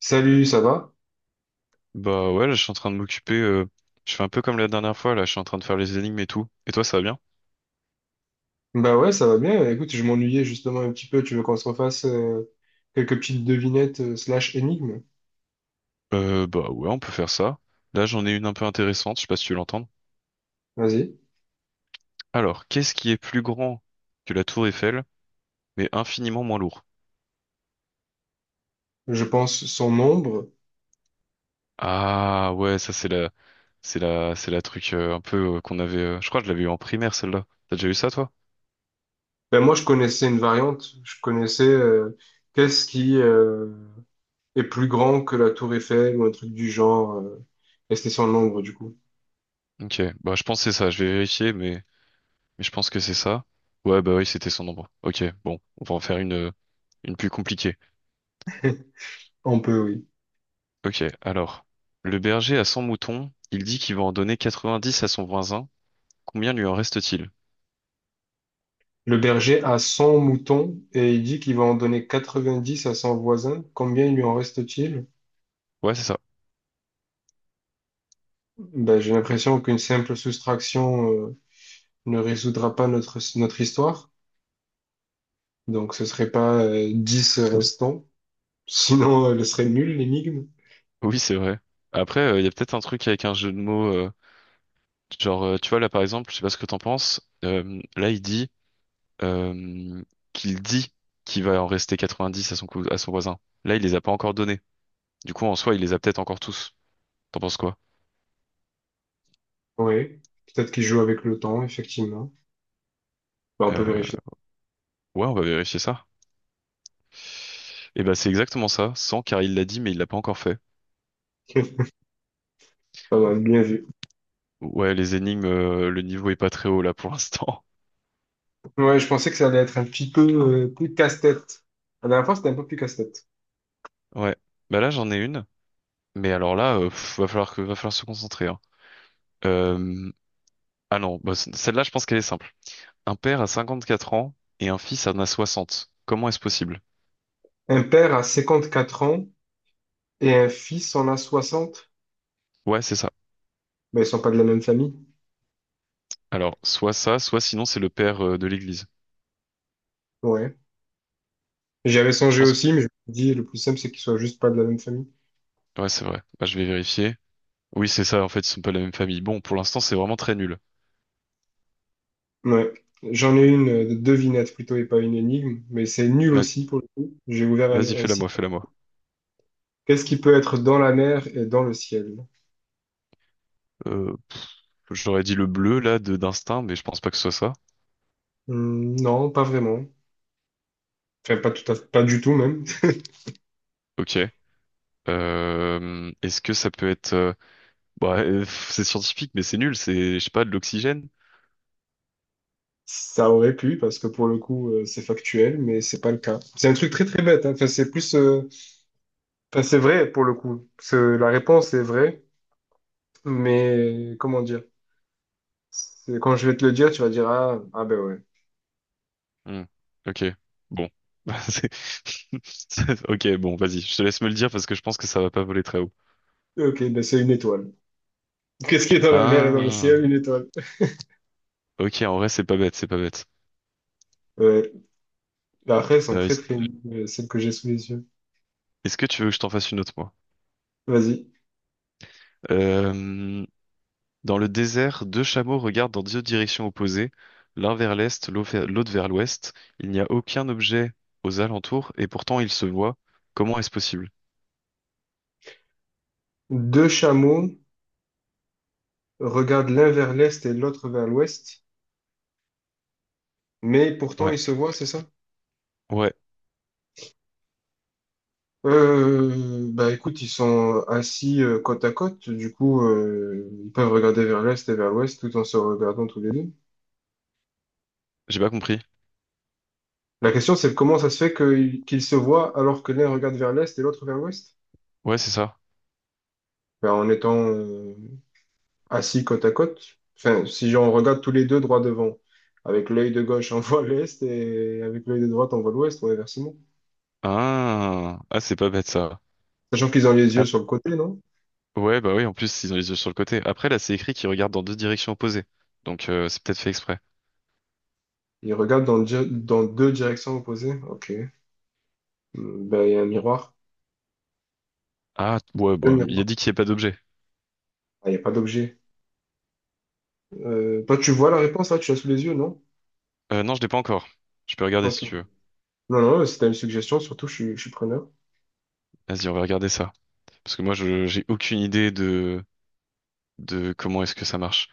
Salut, ça va? Bah ouais, là, je suis en train de m'occuper. Je fais un peu comme la dernière fois, là, je suis en train de faire les énigmes et tout. Et toi, ça va bien? Bah ouais, ça va bien. Écoute, je m'ennuyais justement un petit peu. Tu veux qu'on se refasse quelques petites devinettes slash énigmes? Bah ouais, on peut faire ça. Là, j'en ai une un peu intéressante, je sais pas si tu l'entends. Vas-y. Alors, qu'est-ce qui est plus grand que la tour Eiffel, mais infiniment moins lourd? Je pense son nombre. Ah ouais, ça c'est la truc un peu qu'on avait. Je crois que je l'avais eu en primaire celle-là. T'as déjà eu ça toi? Ben moi, je connaissais une variante. Je connaissais qu'est-ce qui est plus grand que la tour Eiffel ou un truc du genre. Et c'était son nombre, du coup. Ok, bah je pense que c'est ça. Je vais vérifier, mais je pense que c'est ça. Ouais, bah oui, c'était son nombre. Ok, bon, on va en faire une plus compliquée. On peut, oui. Ok, alors, le berger a 100 moutons, il dit qu'il va en donner 90 à son voisin, combien lui en reste-t-il? Le berger a 100 moutons et il dit qu'il va en donner 90 à son voisin. Combien il lui en reste-t-il? Ouais, c'est ça. Ben, j'ai l'impression qu'une simple soustraction ne résoudra pas notre histoire. Donc ce serait pas 10 restants, sinon elle serait nulle l'énigme. Oui, c'est vrai. Après, il y a peut-être un truc avec un jeu de mots, genre, tu vois, là, par exemple, je sais pas ce que t'en penses, là, il dit euh, qu'il dit qu'il va en rester 90 à son voisin. Là, il les a pas encore donnés. Du coup, en soi, il les a peut-être encore tous. T'en penses quoi? Ouais, peut-être qu'il joue avec le temps, effectivement. Bah, on peut Euh, vérifier. ouais, on va vérifier ça. Et ben, c'est exactement ça, 100 car il l'a dit, mais il l'a pas encore fait. Pas mal, bien vu. Ouais, les énigmes, le niveau est pas très haut là pour l'instant. Ouais, je pensais que ça allait être un petit peu plus casse-tête. La dernière fois, c'était un peu plus casse-tête. Ouais. Bah là, j'en ai une. Mais alors là, va falloir se concentrer, hein. Euh, ah non, bah, celle-là, je pense qu'elle est simple. Un père a 54 ans et un fils en a 60. Comment est-ce possible? Un père a 4 ans et un fils en a 60. Ouais, c'est ça. Ben, ils sont pas de la même famille. Alors, soit ça, soit sinon c'est le père, de l'église. Ouais. J'avais Tu songé penses? aussi, mais je me suis dit, le plus simple, c'est qu'ils soient juste pas de la même famille. Ouais, c'est vrai. Bah, je vais vérifier. Oui, c'est ça. En fait, ils sont pas de la même famille. Bon, pour l'instant, c'est vraiment très nul. Ouais. J'en ai une de devinette plutôt et pas une énigme, mais c'est nul Va- aussi pour le coup. J'ai ouvert un, Vas-y, un fais-la site. moi, fais-la moi. Qu'est-ce qui peut être dans la mer et dans le ciel? Euh, J'aurais dit le bleu, là, de d'instinct, mais je pense pas que ce soit ça. Hmm, non, pas vraiment. Enfin, pas du tout même. Ok. Est-ce que ça peut être, bah, c'est scientifique, mais c'est nul, c'est, je sais pas, de l'oxygène? Ça aurait pu, parce que pour le coup, c'est factuel, mais c'est pas le cas. C'est un truc très très bête, hein. Enfin, c'est plus, enfin, c'est vrai pour le coup. La réponse est vraie, mais comment dire? Quand je vais te le dire, tu vas dire, ah, ah ben ouais. Hmm. Ok, bon. C'est- Ok, bon, vas-y, je te laisse me le dire parce que je pense que ça va pas voler très haut. Ok, ben c'est une étoile. Qu'est-ce qui est dans la mer et dans le Ah, ciel? Une étoile. ok, en vrai, c'est pas bête, c'est pas bête. Ouais. Bah, après, elles sont Euh, très très longues, celles que j'ai sous les yeux. Est-ce que tu veux que je t'en fasse une autre, moi? Vas-y. Euh, dans le désert, deux chameaux regardent dans deux directions opposées, l'un vers l'est, l'autre vers l'ouest. Il n'y a aucun objet aux alentours et pourtant ils se voient. Comment est-ce possible? Deux chameaux regardent l'un vers l'est et l'autre vers l'ouest, mais pourtant Ouais, ils se voient, c'est ça? ouais, Bah écoute, ils sont assis côte à côte, du coup ils peuvent regarder vers l'est et vers l'ouest tout en se regardant tous les deux. j'ai pas compris. La question c'est comment ça se qu'ils se voient alors que l'un regarde vers l'est et l'autre vers l'ouest? Ouais, c'est ça. Ben, en étant assis côte à côte. Enfin, si on regarde tous les deux droit devant, avec l'œil de gauche, on voit l'est et avec l'œil de droite, on voit l'ouest ou inversement. Ah, ah, c'est pas bête ça. Sachant qu'ils ont les Ah, yeux sur le côté, non? ouais, bah oui, en plus, ils ont les yeux sur le côté. Après, là, c'est écrit qu'ils regardent dans deux directions opposées. Donc, c'est peut-être fait exprès. Ils regardent dans deux directions opposées. Ok. Hmm, ben, il y a un miroir. Ah, ouais, Un bah, il a miroir. dit qu'il n'y a pas d'objet. Ah, il n'y a pas d'objet. Toi, tu vois la réponse là, tu l'as sous les yeux, non? Non, je l'ai pas encore. Je peux regarder Ok. si tu veux. Non, non, si t'as une suggestion, surtout, je suis preneur. Vas-y, on va regarder ça. Parce que moi, je j'ai aucune idée de comment est-ce que ça marche.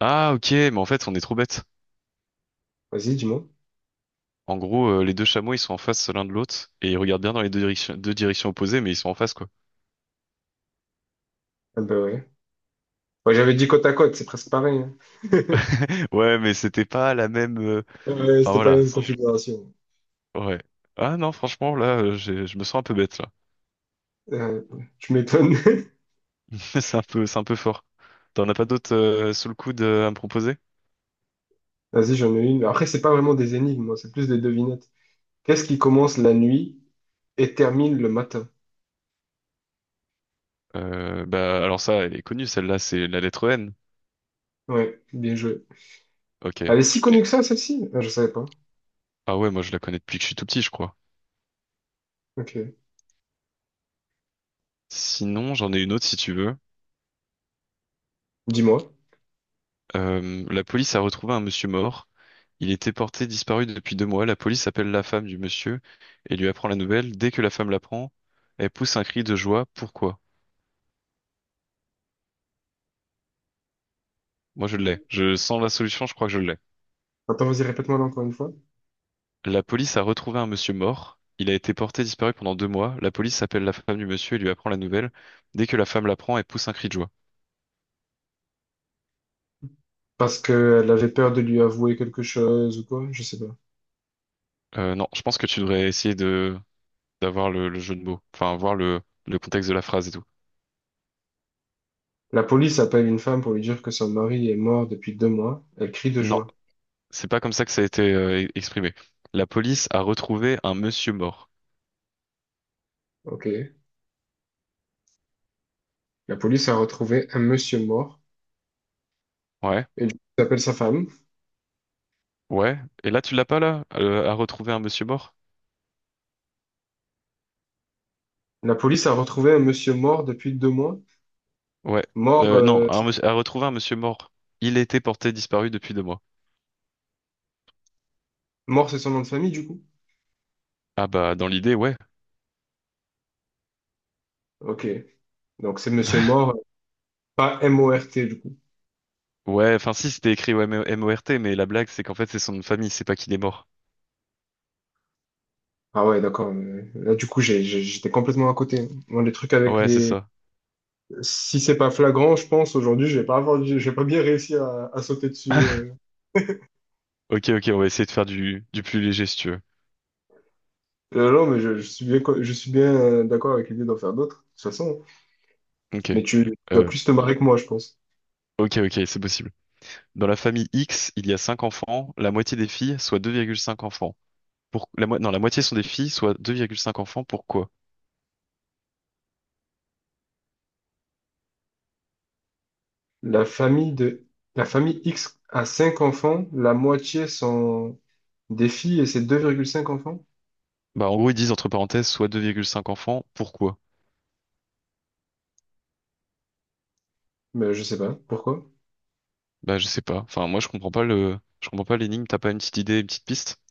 Ah, ok, mais en fait, on est trop bête. Vas-y, dis-moi. En gros, les deux chameaux, ils sont en face l'un de l'autre et ils regardent bien dans deux directions opposées, mais ils sont en face, quoi. Ah, ben ouais. Ouais, j'avais dit côte à côte, c'est presque pareil, hein. Ouais, mais c'était pas la même. Enfin C'était pas la voilà. même configuration. Ouais. Ah non, franchement, là, je me sens un peu bête là. Euh, tu m'étonnes. C'est un peu fort. T'en as pas d'autres sous le coude à me proposer? Vas-y, j'en ai une. Après, c'est pas vraiment des énigmes, moi, c'est plus des devinettes. Qu'est-ce qui commence la nuit et termine le matin? Bah alors ça, elle est connue, celle-là, c'est la lettre N. Ouais, bien joué. Elle Ok. est si connue que ça, celle-ci? Ah, je savais pas. Ah ouais, moi je la connais depuis que je suis tout petit, je crois. Ok. Sinon, j'en ai une autre si tu veux. Dis-moi. La police a retrouvé un monsieur mort. Il était porté disparu depuis 2 mois. La police appelle la femme du monsieur et lui apprend la nouvelle. Dès que la femme l'apprend, elle pousse un cri de joie. Pourquoi? Moi, je l'ai. Je sens la solution, je crois que je l'ai. Attends, vas-y, répète-moi là encore une fois. La police a retrouvé un monsieur mort. Il a été porté disparu pendant 2 mois. La police appelle la femme du monsieur et lui apprend la nouvelle. Dès que la femme l'apprend, elle pousse un cri de joie. Parce qu'elle avait peur de lui avouer quelque chose ou quoi? Je sais pas. Non, je pense que tu devrais essayer de d'avoir le jeu de mots. Enfin, voir le contexte de la phrase et tout. La police appelle une femme pour lui dire que son mari est mort depuis 2 mois. Elle crie de Non. joie. C'est pas comme ça que ça a été exprimé. La police a retrouvé un monsieur mort. Ok. La police a retrouvé un monsieur mort Ouais, et lui appelle sa femme. ouais. Et là, tu l'as pas là? A retrouvé un monsieur mort? La police a retrouvé un monsieur mort depuis 2 mois. Ouais. Mort, Non, euh, a retrouvé un monsieur mort. Il était porté disparu depuis deux mois. mort, c'est son nom de famille, du coup. Ah bah, dans l'idée, ouais. Ok. Donc c'est Monsieur Mort, pas M-O-R-T du coup. Ouais, enfin si, c'était écrit ouais, Mort, mais la blague, c'est qu'en fait, c'est son nom de famille, c'est pas qu'il est mort. Ah ouais, d'accord. Là du coup j'étais complètement à côté. Moi les trucs avec Ouais, c'est les. ça. Si c'est pas flagrant, je pense aujourd'hui je vais pas je vais pas bien réussi à sauter dessus. Ok, ok, on va essayer de faire du plus léger, si tu veux. Non mais je suis je suis bien d'accord avec l'idée d'en faire d'autres de toute façon. Mais Ok. Tu vas Euh, plus te marrer que moi, je pense. ok, ok, c'est possible. Dans la famille X, il y a 5 enfants, la moitié des filles, soit 2,5 enfants. Non, la moitié sont des filles, soit 2,5 enfants. Pourquoi? La famille de, la famille X a 5 enfants, la moitié sont des filles et c'est 2,5 enfants. Bah, en gros, ils disent entre parenthèses, soit 2,5 enfants. Pourquoi? Mais je sais pas pourquoi. Bah, je sais pas. Enfin, moi, je comprends pas l'énigme. T'as pas une petite idée, une petite piste?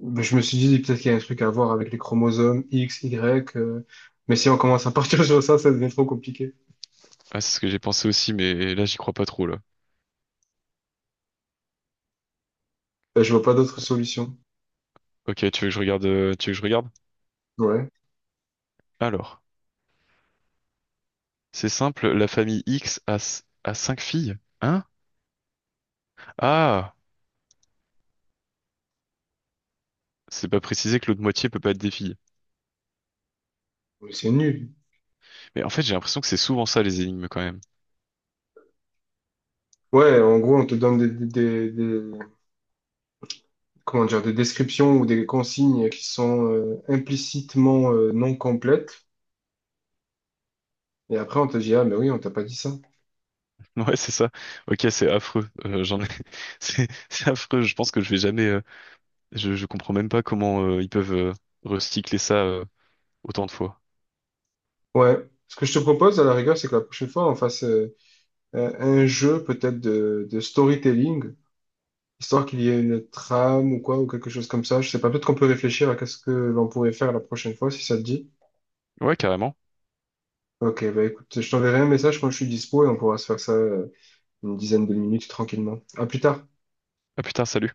Ben, je me suis dit, peut-être qu'il y a un truc à voir avec les chromosomes X, Y. Mais si on commence à partir sur ça, ça devient trop compliqué. Ah, c'est ce que j'ai pensé aussi, mais là, j'y crois pas trop, là. Ben, je vois pas d'autre solution. Ok, tu veux que je regarde? Ouais. Alors, c'est simple, la famille X a 5 filles. Hein? Ah! C'est pas précisé que l'autre moitié peut pas être des filles. Mais c'est nul. Mais en fait, j'ai l'impression que c'est souvent ça, les énigmes, quand même. Ouais, en gros, on te donne comment dire, des descriptions ou des consignes qui sont implicitement non complètes. Et après, on te dit, ah, mais oui, on t'a pas dit ça. Ouais, c'est ça. Ok, c'est affreux. C'est affreux. Je pense que je vais jamais. Je comprends même pas comment ils peuvent recycler ça autant de fois. Ouais. Ce que je te propose, à la rigueur, c'est que la prochaine fois, on fasse un jeu peut-être de storytelling. Histoire qu'il y ait une trame ou quoi, ou quelque chose comme ça. Je sais pas, peut-être qu'on peut réfléchir à qu'est-ce que l'on pourrait faire la prochaine fois, si ça te dit. Ouais, carrément. Ok, bah écoute, je t'enverrai un message quand je suis dispo et on pourra se faire ça une dizaine de minutes tranquillement. À plus tard. Ah putain, salut.